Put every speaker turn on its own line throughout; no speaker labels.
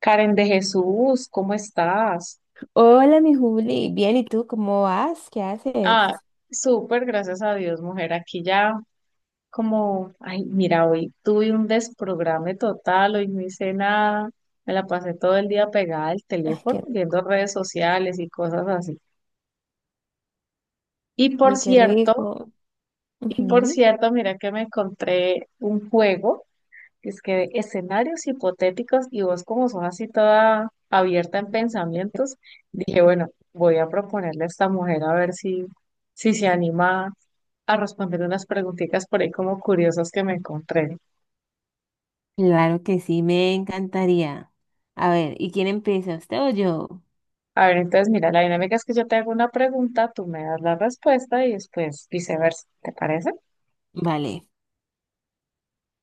Karen de Jesús, ¿cómo estás?
Hola, mi Juli. Bien, ¿y tú cómo vas? ¿Qué haces?
Ah, súper, gracias a Dios, mujer. Aquí ya como, ay, mira, hoy tuve un desprograme total, hoy no hice nada, me la pasé todo el día pegada al
Ay,
teléfono,
qué,
viendo redes sociales y cosas así. Y por
qué
cierto,
rico. Ujú.
mira que me encontré un juego. Es que escenarios hipotéticos y vos como sos así toda abierta en pensamientos, dije, bueno, voy a proponerle a esta mujer a ver si, si se anima a responder unas preguntitas por ahí como curiosas que me encontré.
Claro que sí, me encantaría. A ver, ¿y quién empieza, usted o yo?
A ver, entonces mira, la dinámica es que yo te hago una pregunta, tú me das la respuesta y después viceversa, ¿te parece?
Vale.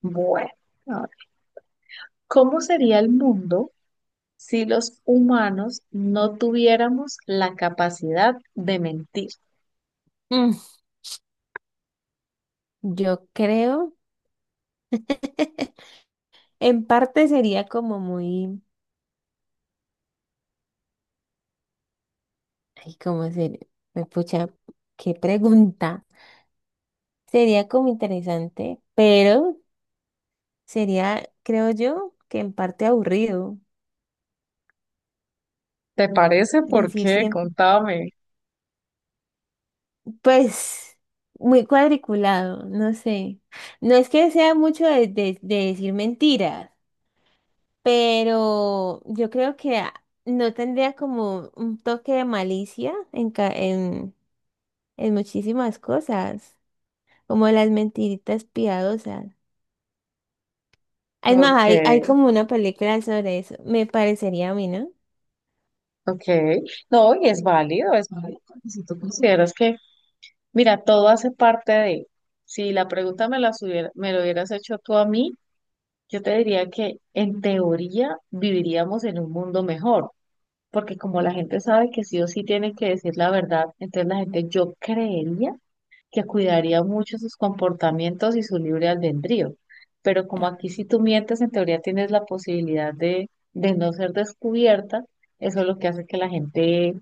Bueno, a ver, ¿cómo sería el mundo si los humanos no tuviéramos la capacidad de mentir?
Mm, Yo creo, en parte sería como muy, ay, cómo se, me pucha, qué pregunta. Sería como interesante, pero sería, creo yo, que en parte aburrido
¿Te parece? ¿Por
decir
qué?
siempre.
Contame.
Pues muy cuadriculado, no sé. No es que sea mucho de, de decir mentiras, pero yo creo que no tendría como un toque de malicia en, en muchísimas cosas, como las mentiritas piadosas. Es más,
Ok,
hay como una película sobre eso, me parecería a mí, ¿no?
ok. No, y es válido, es válido. Porque si tú consideras que, mira, todo hace parte de, si la pregunta me la hubiera, me lo hubieras hecho tú a mí, yo te diría que en teoría viviríamos en un mundo mejor, porque como la gente sabe que sí o sí tiene que decir la verdad, entonces la gente, yo creería que cuidaría mucho sus comportamientos y su libre albedrío. Pero como
Ah,
aquí si tú mientes, en teoría tienes la posibilidad de no ser descubierta, eso es lo que hace que la gente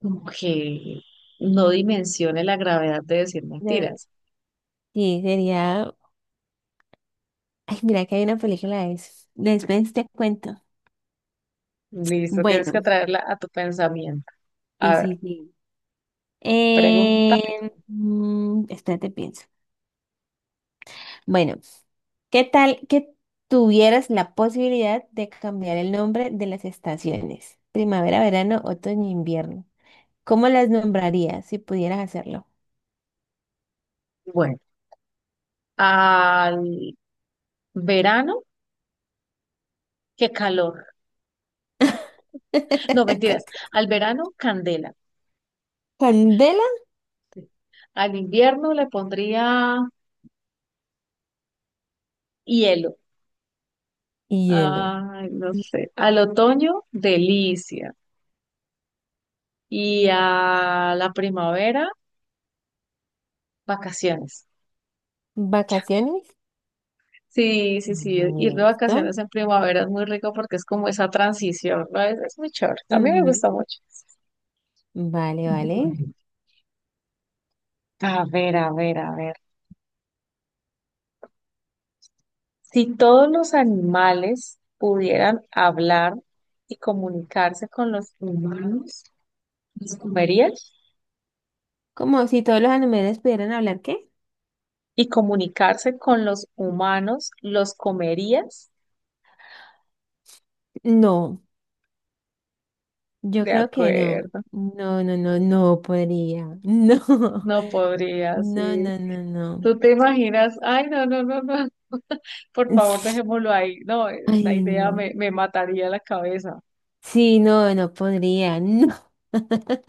como que no dimensione la gravedad de decir
de-
mentiras.
sí, sería... Ay, mira que hay una película de eso. Después te cuento.
Listo, tienes que
Bueno,
traerla a tu pensamiento.
sí,
A ver,
sí, sí.
pregúntame tú.
Eh, espérate, pienso. Bueno, ¿qué tal que tuvieras la posibilidad de cambiar el nombre de las estaciones? Primavera, verano, otoño, invierno. ¿Cómo las nombrarías si pudieras hacerlo?
Bueno, al verano, qué calor. No, mentiras. Al verano, candela.
Candela
Al invierno le pondría hielo.
y hielo.
Ay, no sé. Al otoño, delicia. Y a la primavera, vacaciones.
¿Vacaciones?
Sí, sí, sí. Ir de
Listo.
vacaciones en primavera es muy rico porque es como esa transición, ¿no? Es muy chévere. A mí me gusta
Ujú.
mucho.
Vale, vale.
Bueno, a ver, a ver, a ver. Si todos los animales pudieran hablar y comunicarse con los humanos, ¿los comerías?
Como si todos los animales pudieran hablar, ¿qué?
¿Y comunicarse con los humanos, los comerías?
No, yo
De
creo que no.
acuerdo.
No, no, no, no podría. No.
No podría,
No,
sí.
no, no, no.
¿Tú te imaginas? Ay, no, no, no, no. Por favor, dejémoslo ahí. No, esa
Ay,
idea
no.
me mataría la cabeza.
Sí, no, no podría. No.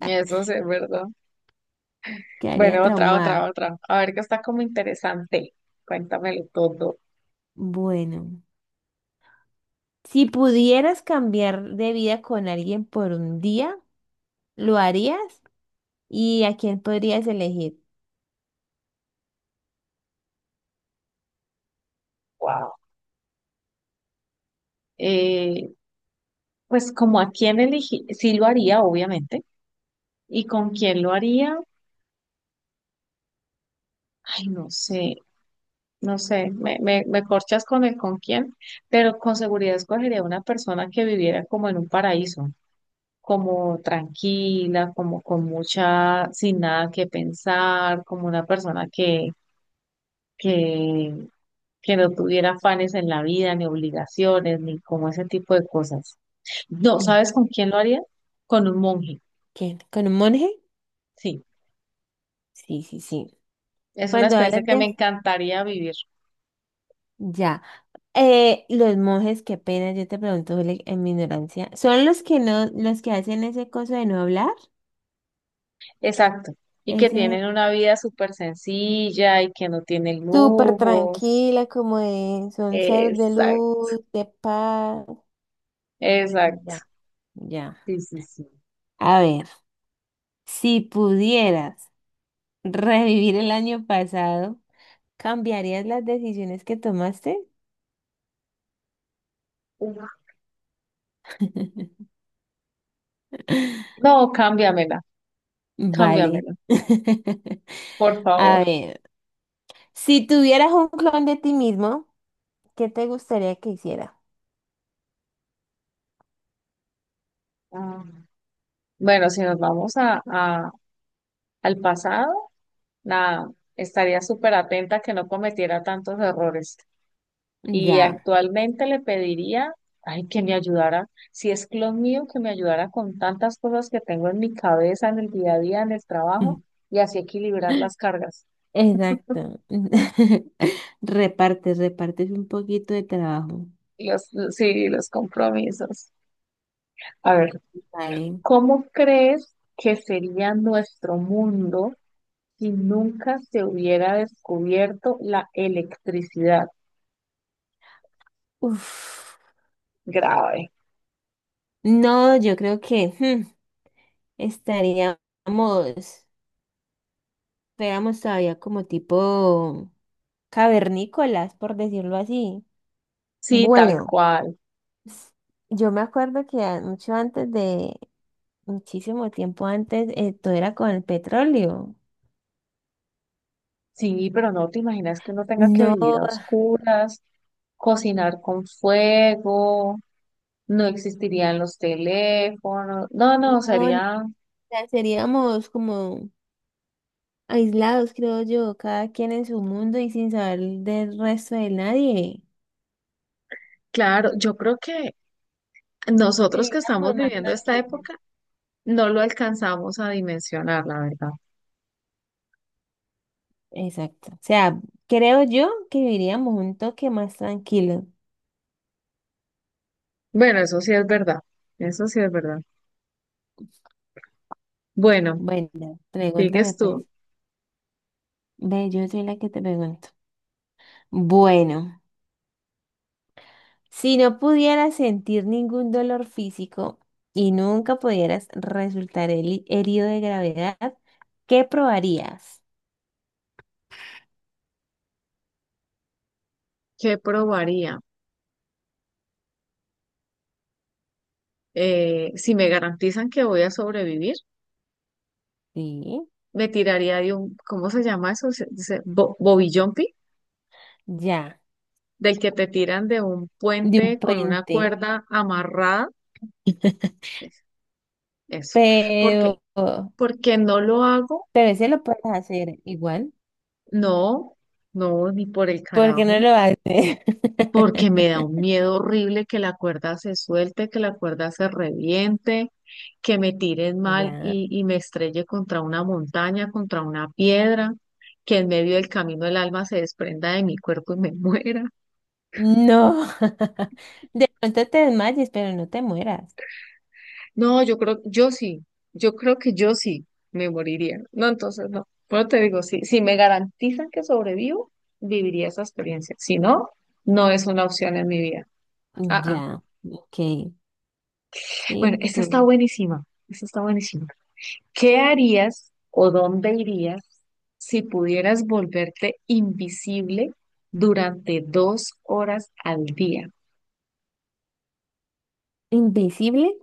Eso sí es verdad.
Quedaría
Bueno, otra, otra,
traumada.
otra. A ver, que está como interesante. Cuéntamelo todo.
Bueno, si pudieras cambiar de vida con alguien por un día, ¿lo harías? ¿Y a quién podrías elegir?
Wow. Eh, pues como a quién elegí, sí lo haría, obviamente. ¿Y con quién lo haría? Ay, no sé, no sé. Me corchas con el con quién, pero con seguridad escogería una persona que viviera como en un paraíso. Como tranquila, como con mucha, sin nada que pensar, como una persona que, que no tuviera afanes en la vida, ni obligaciones, ni como ese tipo de cosas. No,
Mm.
¿sabes con quién lo haría? Con un monje,
¿Quién? ¿Con un monje?
sí.
Sí, sí, sí.
Es una
Cuando
experiencia
hablas
que me
de...
encantaría vivir.
Ya. Los monjes, qué pena, yo te pregunto Juli, en mi ignorancia. ¿Son los que no, los que hacen ese coso de no hablar?
Exacto. Y que
Ese...
tienen una vida súper sencilla y que no tienen
Súper
lujos.
tranquila, como de son ser de
Exacto,
luz, de paz.
exacto.
Ya, ya.
Sí, sí, sí.
A ver, si pudieras revivir el año pasado, ¿cambiarías las decisiones que tomaste?
Uf. No, cámbiamela,
Vale.
cámbiamela, por
A
favor.
ver, si tuvieras un clon de ti mismo, ¿qué te gustaría que hiciera?
Ah, Bueno, si nos vamos al pasado, nada, estaría súper atenta a que no cometiera tantos errores. Y
Ya.
actualmente le pediría, ay, que me ayudara, si es clon mío, que me ayudara con tantas cosas que tengo en mi cabeza, en el día a día, en el trabajo, y así equilibrar las cargas,
Exacto. Repartes, repartes un poquito de trabajo.
y los, sí, los compromisos. A ver,
Vale.
¿cómo crees que sería nuestro mundo si nunca se hubiera descubierto la electricidad?
Uf.
Grave.
No, yo creo que hmm, estaríamos, fuéramos todavía como tipo cavernícolas, por decirlo así.
Sí, tal
Bueno,
cual.
s- yo me acuerdo que mucho antes de, muchísimo tiempo antes, todo era con el petróleo.
Sí, pero no te imaginas que uno tenga que vivir
No,
a oscuras, cocinar con fuego, no existirían los teléfonos. No, no,
no, o
sería...
sea, seríamos como aislados, creo yo, cada quien en su mundo y sin saber del resto de nadie.
Claro, yo creo que nosotros que estamos
Vivíamos más
viviendo esta
tranquilos.
época no lo alcanzamos a dimensionar, la verdad.
Exacto. O sea, creo yo que viviríamos un toque más tranquilo.
Bueno, eso sí es verdad, eso sí es verdad. Bueno,
Bueno, pregúntame
sigues
pues.
tú,
Ve, yo soy la que te pregunto. Bueno, si no pudieras sentir ningún dolor físico y nunca pudieras resultar herido de gravedad, ¿qué probarías?
¿qué probaría? Si me garantizan que voy a sobrevivir,
Sí,
me tiraría de un, ¿cómo se llama eso? Bobby jumping,
ya,
del que te tiran de un
de un
puente con una
puente,
cuerda amarrada. Es- Eso. ¿Por qué?
pero
Porque no lo hago,
ese lo puedes hacer igual,
no, no, ni por el
porque no
carajo,
lo haces.
porque me da un miedo horrible que la cuerda se suelte, que la cuerda se reviente, que me tiren mal
Ya.
y me estrelle contra una montaña, contra una piedra, que en medio del camino el alma se desprenda de mi cuerpo y me muera.
No, de pronto te desmayes, pero no te mueras.
No, yo creo, yo sí, yo creo que yo sí me moriría. No, entonces no. Bueno, te digo, si, si me garantizan que sobrevivo, viviría esa experiencia. Si no, no es una opción en mi vida. Ah, ah.
Ya, ok.
Bueno, esta está
Entonces,
buenísima. Esta está buenísima. ¿Qué harías o dónde irías si pudieras volverte invisible durante 2 horas al día?
¿invisible?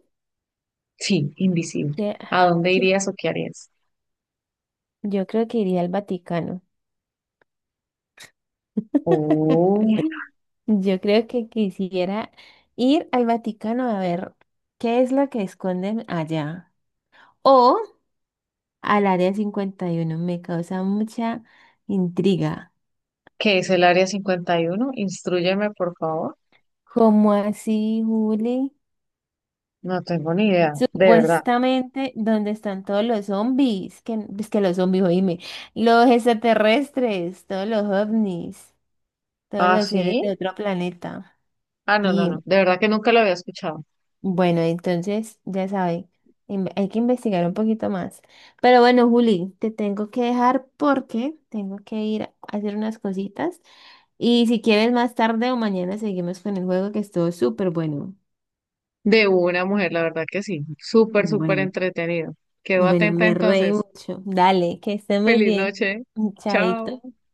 Sí, invisible.
¿Qué-
¿A dónde
qué?
irías o qué harías?
Yo creo que iría al Vaticano.
Oh.
Yo creo que quisiera ir al Vaticano a ver qué es lo que esconden allá. O al Área 51. Me causa mucha intriga.
¿Qué es el área 51? Instrúyeme, por favor.
¿Cómo así, Juli?
No tengo ni idea, de verdad.
Supuestamente, ¿donde están todos los zombies? Que, es que los zombies, oíme. Los extraterrestres, todos los ovnis, todos
¿Ah,
los seres de
sí?
otro planeta.
Ah, no, no, no.
Y
De verdad que nunca lo había escuchado.
bueno, entonces, ya sabe, hay que investigar un poquito más. Pero bueno, Juli, te tengo que dejar porque tengo que ir a hacer unas cositas. Y si quieres, más tarde o mañana seguimos con el juego que estuvo súper bueno.
De una mujer, la verdad que sí. Súper, súper
Bueno.
entretenido. Quedo
Bueno,
atenta
me reí
entonces.
mucho. Dale, que esté muy
Feliz
bien.
noche. Chao.
Chaito.